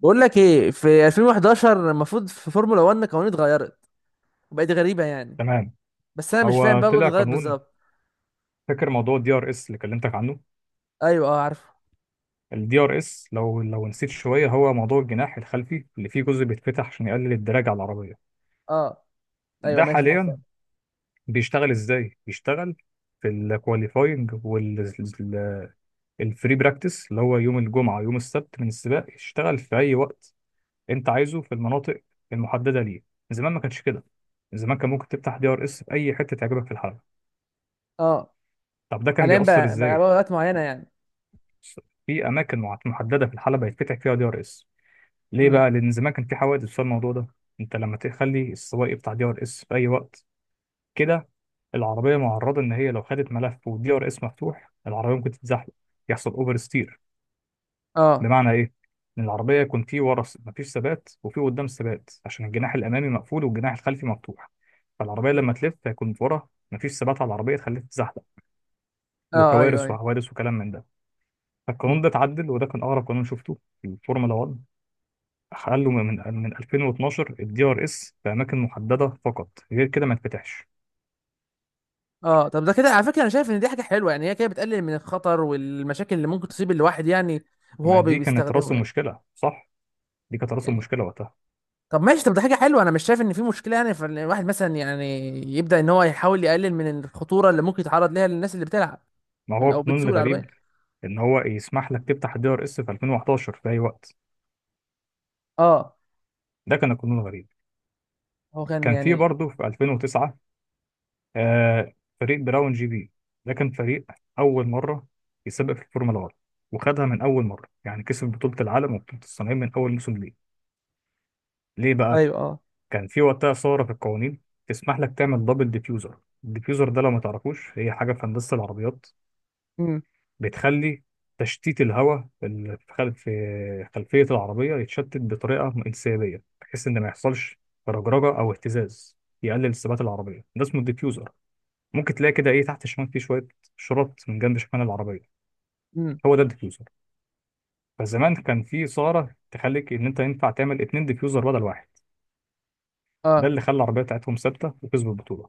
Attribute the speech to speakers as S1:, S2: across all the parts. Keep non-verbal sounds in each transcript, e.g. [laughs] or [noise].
S1: بقول لك ايه في 2011 المفروض في فورمولا 1 قوانين اتغيرت وبقت غريبه يعني.
S2: تمام.
S1: بس انا مش فاهم
S2: هو
S1: بقى
S2: طلع
S1: القوانين اتغيرت
S2: قانون.
S1: بالظبط.
S2: فاكر موضوع الدي ار اس اللي كلمتك عنه؟
S1: ايوه اه عارفه.
S2: الدي ار اس، لو نسيت شويه، هو موضوع الجناح الخلفي اللي فيه جزء بيتفتح عشان يقلل الدراج على العربيه.
S1: اه ايوه
S2: ده
S1: ماشي ده عارفه.
S2: حاليا بيشتغل ازاي؟ بيشتغل في الكواليفاينج والفري براكتس اللي هو يوم الجمعه ويوم السبت من السباق، يشتغل في اي وقت انت عايزه في المناطق المحدده ليه. زمان ما كانش كده، زمان كان ممكن تفتح دي ار اس في اي حته تعجبك في الحلبه.
S1: اه
S2: طب ده كان
S1: حاليا
S2: بيأثر
S1: بقى
S2: ازاي؟
S1: اوقات معينه يعني.
S2: في اماكن محدده في الحلبه يتفتح فيها دي ار اس. ليه
S1: امم.
S2: بقى؟ لان زمان كان في حوادث بسبب الموضوع ده. انت لما تخلي السواق بتاع دي ار اس في اي وقت كده، العربيه معرضه ان هي لو خدت ملف والدي ار اس مفتوح العربيه ممكن تتزحلق، يحصل اوفر ستير.
S1: اه.
S2: بمعنى ايه؟ ان العربيه يكون في ورا مفيش ثبات وفي قدام ثبات، عشان الجناح الامامي مقفول والجناح الخلفي مفتوح، فالعربيه
S1: مم.
S2: لما تلف هيكون ورا مفيش ثبات على العربيه تخليها تتزحلق،
S1: اه ايوه
S2: وكوارث
S1: ايوه.
S2: وحوادث وكلام من ده. فالقانون
S1: مم.
S2: ده اتعدل، وده كان اغرب قانون شفته في الفورمولا 1. حلوا من 2012 الدي ار اس في اماكن محدده فقط، غير كده ما يتفتحش.
S1: اه طب ده كده على فكره انا شايف ان دي حاجه حلوه يعني هي كده بتقلل من الخطر والمشاكل اللي ممكن تصيب الواحد يعني.
S2: ما
S1: وهو
S2: دي كانت راس
S1: بيستخدمه يعني.
S2: المشكله، صح؟ دي كانت راس
S1: يعني
S2: المشكله وقتها.
S1: طب ماشي طب ده حاجه حلوه انا مش شايف ان في مشكله يعني فالواحد مثلا يعني يبدا ان هو يحاول يقلل من الخطوره اللي ممكن يتعرض ليها للناس اللي بتلعب
S2: ما هو
S1: او
S2: القانون
S1: بتسوق
S2: الغريب
S1: العربيه.
S2: ان هو يسمح لك تفتح الدي ار اس في 2011 في اي وقت،
S1: اه
S2: ده كان القانون الغريب.
S1: هو كان
S2: كان في
S1: يعني
S2: برضه في 2009، آه فريق براون جي بي، ده كان فريق اول مره يسابق في الفورمولا 1، وخدها من اول مره يعني، كسب بطوله العالم وبطوله الصناعيه من اول موسم ليه. ليه بقى؟
S1: ايوه اه.
S2: كان في وقتها ثورة في القوانين تسمح لك تعمل دبل ديفيوزر. الديفيوزر ده لو ما تعرفوش هي حاجة في هندسة العربيات،
S1: امم.
S2: بتخلي تشتيت الهواء اللي في خلفية العربية يتشتت بطريقة انسيابية، بحيث إن ما يحصلش رجرجة أو اهتزاز، يقلل ثبات العربية، ده اسمه الديفيوزر. ممكن تلاقي كده إيه تحت الشمال فيه شوية شرط من جنب شمال العربية،
S1: امم.
S2: هو ده الديفيوزر. فزمان كان في ثورة تخليك إن أنت ينفع تعمل اتنين ديفيوزر بدل واحد، ده
S1: اه
S2: اللي خلى العربية بتاعتهم ثابتة وكسبوا البطولة.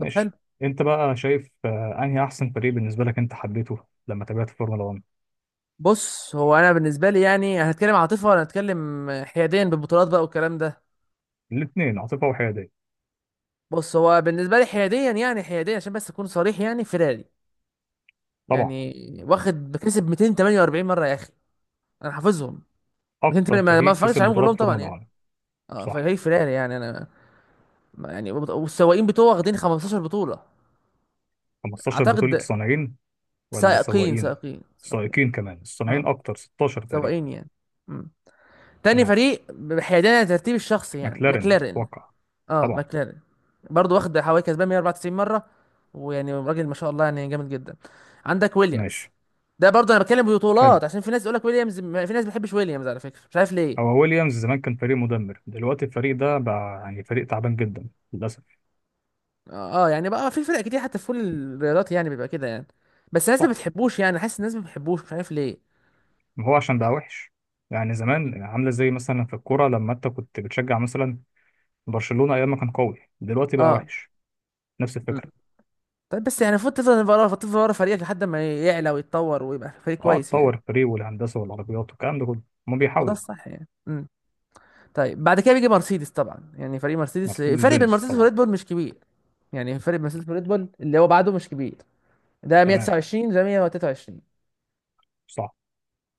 S1: طب حلو.
S2: انت بقى شايف انهي احسن فريق بالنسبه لك انت حبيته لما تابعت فورمولا 1؟
S1: بص هو انا بالنسبه لي يعني هنتكلم عاطفه ولا هنتكلم حياديا بالبطولات بقى والكلام ده.
S2: الاثنين، عاطفه وحياديه.
S1: بص هو بالنسبه لي حياديا يعني حياديا عشان بس اكون صريح يعني فيراري
S2: طبعا،
S1: يعني واخد بكسب 248 مره يا اخي. انا حافظهم
S2: اكتر
S1: 208. ما
S2: فريق
S1: اتفرجتش
S2: كسب
S1: عليهم
S2: بطولات
S1: كلهم طبعا
S2: فورمولا
S1: يعني.
S2: 1.
S1: اه
S2: صح.
S1: فهي فيراري يعني انا يعني والسواقين بتوعه واخدين 15 بطوله
S2: 15 بطوله
S1: اعتقد.
S2: صانعين ولا
S1: سائقين
S2: سواقين؟
S1: سائقين سائقين.
S2: سائقين كمان، الصانعين
S1: اه
S2: اكتر، 16 تقريبا.
S1: سواقين يعني. إمم. تاني
S2: تمام.
S1: فريق بحيادية عن الترتيب الشخصي يعني
S2: ماكلارين
S1: ماكلارين.
S2: اتوقع،
S1: اه
S2: طبعا.
S1: ماكلارين برضه واخد حوالي كسبان 194 مرة. ويعني راجل ما شاء الله يعني جامد جدا. عندك ويليامز.
S2: ماشي.
S1: ده برضه انا بتكلم
S2: حلو،
S1: ببطولات عشان في ناس يقول لك ويليامز في ناس ما بتحبش ويليامز على فكرة مش عارف ليه.
S2: هو ويليامز زمان كان فريق مدمر، دلوقتي الفريق ده بقى يعني فريق تعبان جدا للاسف.
S1: اه يعني بقى في فرق كتير حتى في كل الرياضات يعني بيبقى كده يعني. بس الناس ما
S2: صح،
S1: بتحبوش يعني حاسس الناس ما بتحبوش مش عارف ليه.
S2: ما هو عشان بقى وحش يعني،
S1: م.
S2: زمان عامله زي مثلا في الكوره لما انت كنت بتشجع مثلا برشلونة أيام ما كان قوي، دلوقتي بقى
S1: اه.
S2: وحش، نفس
S1: م.
S2: الفكرة.
S1: طيب بس يعني المفروض تفضل ورا تفضل ورا فريقك لحد ما يعلى ويتطور ويبقى فريق
S2: اه،
S1: كويس يعني.
S2: اتطور الفريق والهندسة والعربيات والكلام ده كله، هما
S1: هو ده
S2: بيحاولوا.
S1: الصح يعني. م. طيب بعد كده بيجي مرسيدس طبعا يعني فريق مرسيدس
S2: مرسيدس
S1: الفرق بين
S2: بنز
S1: مرسيدس
S2: طبعا.
S1: وريد بول مش كبير يعني. الفرق بين مرسيدس وريد بول اللي هو بعده مش كبير. ده
S2: تمام،
S1: 129 ده 123.
S2: صح.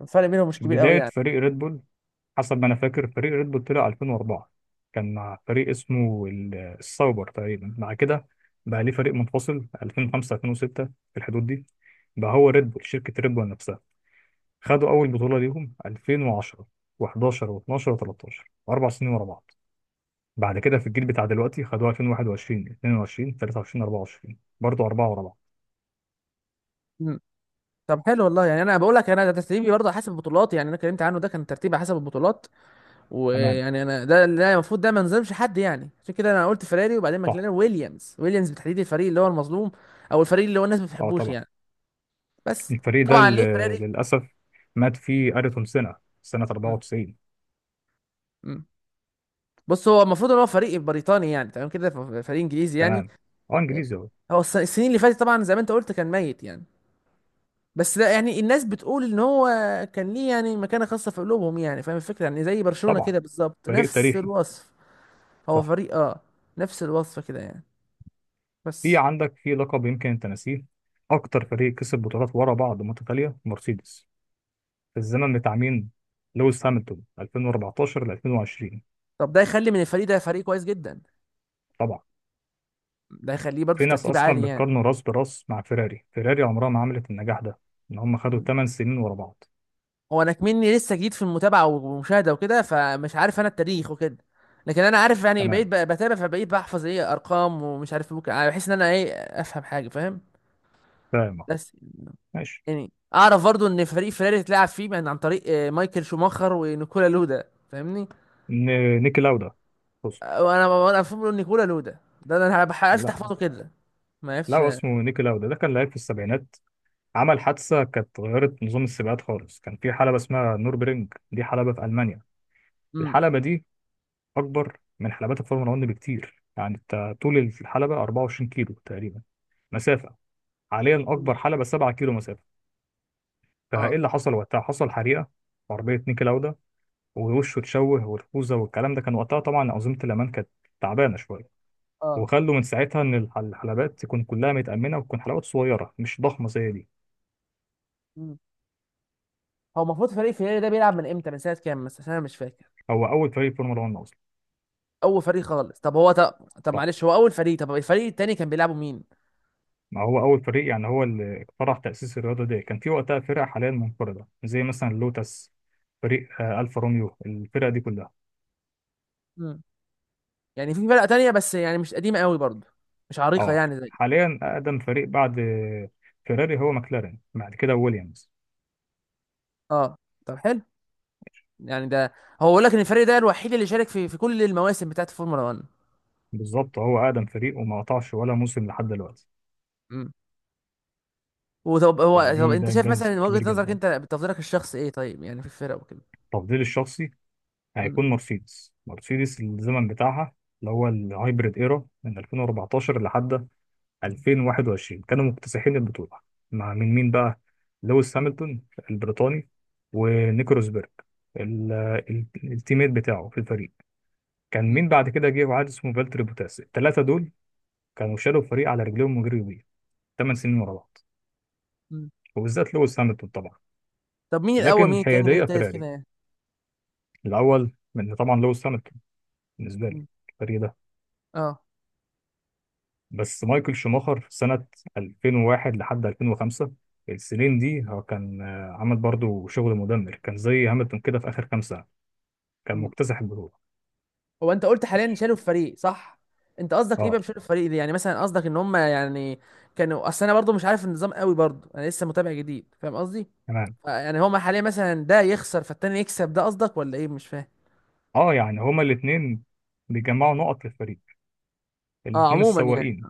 S1: الفرق بينهم مش
S2: من
S1: كبير قوي
S2: بداية
S1: يعني.
S2: فريق ريد بول، حسب ما أنا فاكر، فريق ريد بول طلع 2004، كان مع فريق اسمه السايبر تقريبا، بعد كده بقى ليه فريق منفصل 2005 2006 في الحدود دي، بقى هو ريد بول شركة ريد بول نفسها، خدوا أول بطولة ليهم 2010 و11 و12 و13، أربع سنين ورا بعض. بعد كده في الجيل بتاع دلوقتي خدوها 2021 22 23 24، برضه أربعة ورا بعض.
S1: مم. طب حلو والله يعني انا بقول لك انا ده ترتيبي برضه حسب البطولات يعني انا اتكلمت عنه ده كان ترتيبي حسب البطولات.
S2: تمام،
S1: ويعني انا ده المفروض ده ما نظلمش حد يعني عشان كده انا قلت فيراري وبعدين
S2: صح.
S1: ماكلارين ويليامز. ويليامز بالتحديد الفريق اللي هو المظلوم او الفريق اللي هو الناس ما
S2: أه
S1: بتحبوش
S2: طبعا،
S1: يعني. بس
S2: الفريق ده
S1: طبعا ليه
S2: اللي
S1: فيراري.
S2: للأسف مات فيه أريتون سنة
S1: مم.
S2: 94.
S1: مم. بص هو المفروض ان هو فريق بريطاني يعني تمام كده فريق انجليزي يعني.
S2: تمام. أه
S1: آه،
S2: إنجليزي أهو.
S1: هو السنين اللي فاتت طبعا زي ما انت قلت كان ميت يعني. بس لا يعني الناس بتقول ان هو كان ليه يعني مكانة خاصة في قلوبهم يعني فاهم الفكرة يعني زي برشلونة
S2: طبعا،
S1: كده بالظبط
S2: فريق
S1: نفس
S2: تاريخي،
S1: الوصف. هو
S2: صح.
S1: فريق اه نفس الوصف كده يعني.
S2: في
S1: بس
S2: عندك في لقب يمكن أنت ناسيه، أكتر فريق كسب بطولات ورا بعض متتالية مرسيدس، في الزمن بتاع مين؟ لويس هامilton 2014 ل 2020،
S1: طب ده يخلي من الفريق ده فريق كويس جدا. ده يخليه برضه
S2: في
S1: في
S2: ناس
S1: ترتيب
S2: اصلا
S1: عالي يعني.
S2: بتقارنه راس براس مع فيراري، فيراري عمرها ما عملت النجاح ده، ان هم خدوا 8 سنين ورا بعض.
S1: هو انا كمني لسه جديد في المتابعه والمشاهده وكده فمش عارف انا التاريخ وكده. لكن انا عارف يعني
S2: تمام.
S1: بقيت بتابع فبقيت بحفظ ايه ارقام ومش عارف ممكن يعني بحس ان انا ايه افهم حاجه فاهم.
S2: فاهم.
S1: بس
S2: ماشي.
S1: يعني اعرف برضو ان فريق فيراري اتلعب فيه من عن طريق مايكل شوماخر ونيكولا لودا فاهمني.
S2: نيكي لاودا، بص.
S1: وانا فاهم نيكولا لودا. ده انا عرفت
S2: لا،
S1: احفظه كده. ما عرفتش.
S2: لا، اسمه نيكي لاودا، ده كان لعيب في السبعينات، عمل حادثه كانت غيرت نظام السباقات خالص، كان في حلبه اسمها نوربرينج، دي حلبه في المانيا.
S1: امم.
S2: الحلبه دي اكبر من حلبات الفورمولا 1 بكتير، يعني انت طول الحلبه 24 كيلو تقريبا مسافه، حاليا اكبر حلبه 7 كيلو مسافه. فايه
S1: اه
S2: اللي حصل وقتها؟ حصل حريقه في عربيه نيكي لاودا، ووشه اتشوه والخوذه والكلام ده، كان وقتها طبعا انظمه الامان كانت تعبانه شويه،
S1: اه.
S2: وخلوا من ساعتها ان الحلبات تكون كلها متامنه وتكون حلبات صغيره مش ضخمه زي دي.
S1: مم. هو المفروض فريق فيراري ده بيلعب من امتى من سنه كام مثلا عشان انا مش فاكر.
S2: هو اول فريق فورمولا 1 اصلا.
S1: اول فريق خالص طب هو طب, طب
S2: صح،
S1: معلش هو اول فريق طب الفريق التاني كان بيلعبوا مين.
S2: ما هو اول فريق يعني، هو اللي اخترع تاسيس الرياضه دي، كان في وقتها فرق حاليا منقرضه زي مثلا لوتس، فريق الفا روميو، الفرقه دي كلها.
S1: مم. يعني في فرقة تانية بس يعني مش قديمة قوي برضه مش عريقة
S2: اه،
S1: يعني زي.
S2: حاليا اقدم فريق بعد فيراري هو ماكلارين، بعد كده ويليامز.
S1: اه طب حلو. يعني ده هو بيقول لك ان الفريق ده الوحيد اللي شارك في كل المواسم بتاعت الفورمولا 1.
S2: بالظبط، هو اقدم فريق وما قطعش ولا موسم لحد دلوقتي،
S1: امم. وطب هو طب
S2: فدي ده
S1: انت شايف مثلا
S2: انجاز
S1: من
S2: كبير
S1: وجهة نظرك
S2: جدا.
S1: انت بتفضيلك الشخصي ايه طيب يعني في الفرق وكده.
S2: تفضيلي الشخصي
S1: امم.
S2: هيكون مرسيدس، مرسيدس الزمن بتاعها اللي هو الهايبريد ايرا من 2014 لحد 2021 كانوا مكتسحين البطوله. مع مين بقى؟ لويس
S1: مم.
S2: هامilton البريطاني، ونيكو روزبرج. ال- التيميت بتاعه في الفريق كان
S1: مم.
S2: مين بعد كده؟ جه واحد اسمه فالتري بوتاس، الثلاثه دول كانوا شالوا الفريق على رجليهم وجريوا بيه 8 سنين ورا بعض،
S1: مم.
S2: وبالذات لويس هامilton طبعا.
S1: طب مين الاول
S2: لكن
S1: مين التاني مين
S2: حياديه
S1: التالت كده
S2: فيراري.
S1: يعني.
S2: الاول من طبعا لويس هامilton بالنسبه لي،
S1: مم.
S2: الفريق ده.
S1: اه.
S2: بس مايكل شوماخر 2001 لحد 2005، السنين دي هو كان عمل برضو شغل مدمر، كان زي هاملتون كده في اخر كام سنه، كان مكتسح البطوله.
S1: هو انت قلت حاليا شالوا الفريق صح. انت قصدك ايه بقى
S2: اه
S1: بشالوا الفريق دي يعني مثلا قصدك ان هم يعني كانوا اصل انا برضو مش عارف النظام قوي برضو انا لسه متابع جديد فاهم قصدي.
S2: تمام.
S1: يعني هما حاليا مثلا ده يخسر فالتاني يكسب ده قصدك ولا ايه مش فاهم.
S2: اه يعني هما الاثنين بيجمعوا نقط للفريق،
S1: اه
S2: الاثنين
S1: عموما يعني
S2: السواقين.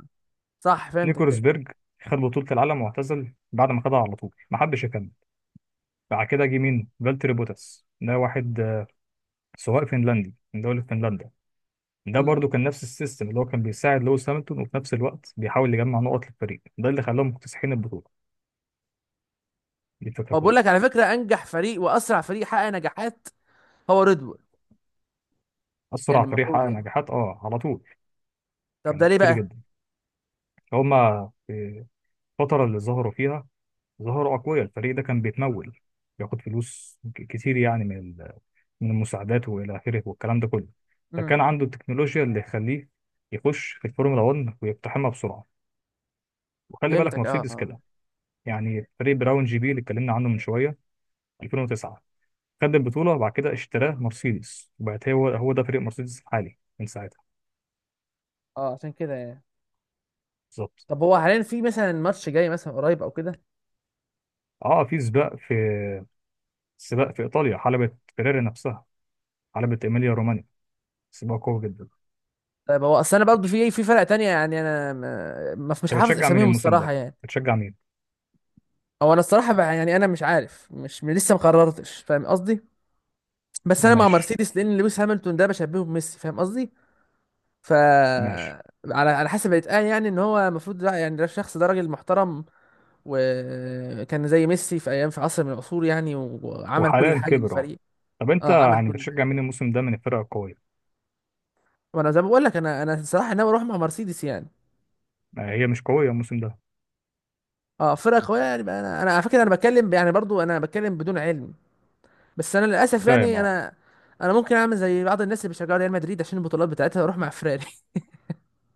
S1: صح فهمتك
S2: نيكولاس
S1: كده.
S2: بيرج خد بطولة العالم واعتزل بعد ما خدها على طول، ما حدش يكمل. بعد كده جه مين؟ فالتري بوتاس، ده واحد سواق فنلندي من دولة فنلندا، ده
S1: امم.
S2: برضو كان نفس السيستم اللي هو كان بيساعد لويس هامilton وفي نفس الوقت بيحاول يجمع نقط للفريق، ده اللي خلاهم مكتسحين البطوله، دي الفكره
S1: هو بقول
S2: كلها.
S1: لك على فكره انجح فريق واسرع فريق حقق نجاحات هو ريد بول. يعني
S2: اسرع فريق
S1: المفروض
S2: حقق
S1: يعني
S2: نجاحات؟ اه، على طول
S1: طب ده
S2: كان
S1: ليه
S2: كتير
S1: بقى.
S2: جدا، هما في الفتره اللي ظهروا فيها ظهروا اقوياء، الفريق ده كان بيتمول، بياخد فلوس كتير يعني، من من المساعدات والى اخره والكلام ده كله،
S1: امم.
S2: فكان عنده التكنولوجيا اللي يخليه يخش في الفورمولا 1 ويقتحمها بسرعه. وخلي بالك
S1: فهمتك اه
S2: مرسيدس
S1: اه.
S2: كده، يعني فريق براون جي بي اللي اتكلمنا عنه من شويه 2009، خد البطولة وبعد كده اشتراه مرسيدس، وبقت هو ده فريق مرسيدس الحالي من ساعتها.
S1: اه عشان كده يعني.
S2: بالظبط.
S1: طب هو حاليا في مثلا ماتش جاي مثلا قريب او كده.
S2: اه، في سباق في ايطاليا، حلبة فيراري نفسها، حلبة ايميليا رومانيا، سباق قوي جدا.
S1: طيب هو اصل انا برضه في
S2: ماشي،
S1: في فرق تانية يعني انا ما- مش
S2: انت
S1: حافظ
S2: بتشجع مين
S1: اساميهم
S2: الموسم
S1: الصراحه
S2: ده؟
S1: يعني.
S2: بتشجع مين؟
S1: او انا الصراحه بقى يعني انا مش عارف مش لسه ما قررتش فاهم قصدي. بس انا مع
S2: ماشي.
S1: مرسيدس لان لويس هامilton ده بشبهه بميسي فاهم قصدي. ف
S2: ماشي.
S1: على على حسب الاتقان يعني ان هو المفروض يعني ده الشخص ده راجل محترم. وكان زي ميسي في ايام في عصر من العصور يعني وعمل كل
S2: وحاليا
S1: حاجه
S2: كبر، اه.
S1: للفريق.
S2: طب انت
S1: اه عمل
S2: يعني
S1: كل حاجه.
S2: بتشجع مين الموسم ده من الفرق القوية؟
S1: وانا زي ما بقول لك انا الصراحه ناوي اروح مع مرسيدس يعني.
S2: ما هي مش قوية الموسم ده.
S1: اه فرقه قويه يعني بقى انا على فكره انا بتكلم يعني برضو انا بتكلم بدون علم. بس انا للاسف
S2: فاهم،
S1: يعني
S2: اه.
S1: انا ممكن اعمل زي بعض الناس اللي بيشجعوا ريال مدريد عشان البطولات بتاعتها واروح مع فراري.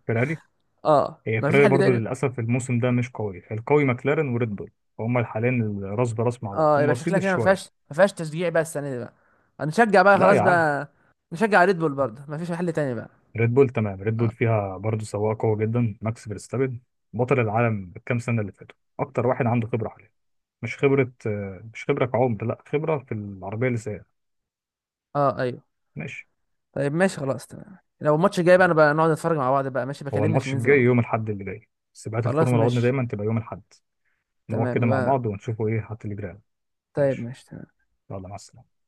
S2: فيراري.
S1: [laughs] اه
S2: هي
S1: ما فيش
S2: فيراري
S1: حل
S2: برضو
S1: تاني.
S2: للأسف الموسم ده مش قوي، القوي ماكلارين وريد بول، هما حاليا راس براس مع بعض،
S1: اه يبقى شكلها
S2: ومرسيدس
S1: كده ما
S2: شوية.
S1: فيهاش ما فيهاش تشجيع بقى السنه دي بقى. هنشجع بقى
S2: لا
S1: خلاص
S2: يا عم.
S1: بقى. نشجع ريد بول برضه ما فيش حل تاني بقى.
S2: ريد بول تمام، ريد بول
S1: اه
S2: فيها برضه سواق قوي جدا ماكس فيرستابن، بطل العالم بالكام سنة اللي فاتوا، أكتر واحد عنده خبرة حاليا، مش خبرة مش خبرة كعمر، لا خبرة في العربية اللي سايقها.
S1: اه ايوه.
S2: ماشي.
S1: طيب ماشي خلاص تمام لو الماتش الجاي بقى انا بقى نقعد نتفرج مع بعض بقى ماشي
S2: هو
S1: بكلمني عشان
S2: الماتش
S1: ننزل مع
S2: الجاي
S1: بعض.
S2: يوم الأحد اللي جاي، سباقات
S1: خلاص
S2: الفورمولا 1
S1: ماشي.
S2: دايما تبقى يوم الأحد. نقعد
S1: تمام
S2: كده مع
S1: نبقى.
S2: بعض ونشوفوا إيه هات اللي جرى.
S1: طيب
S2: ماشي.
S1: ماشي.
S2: يلا مع السلامة.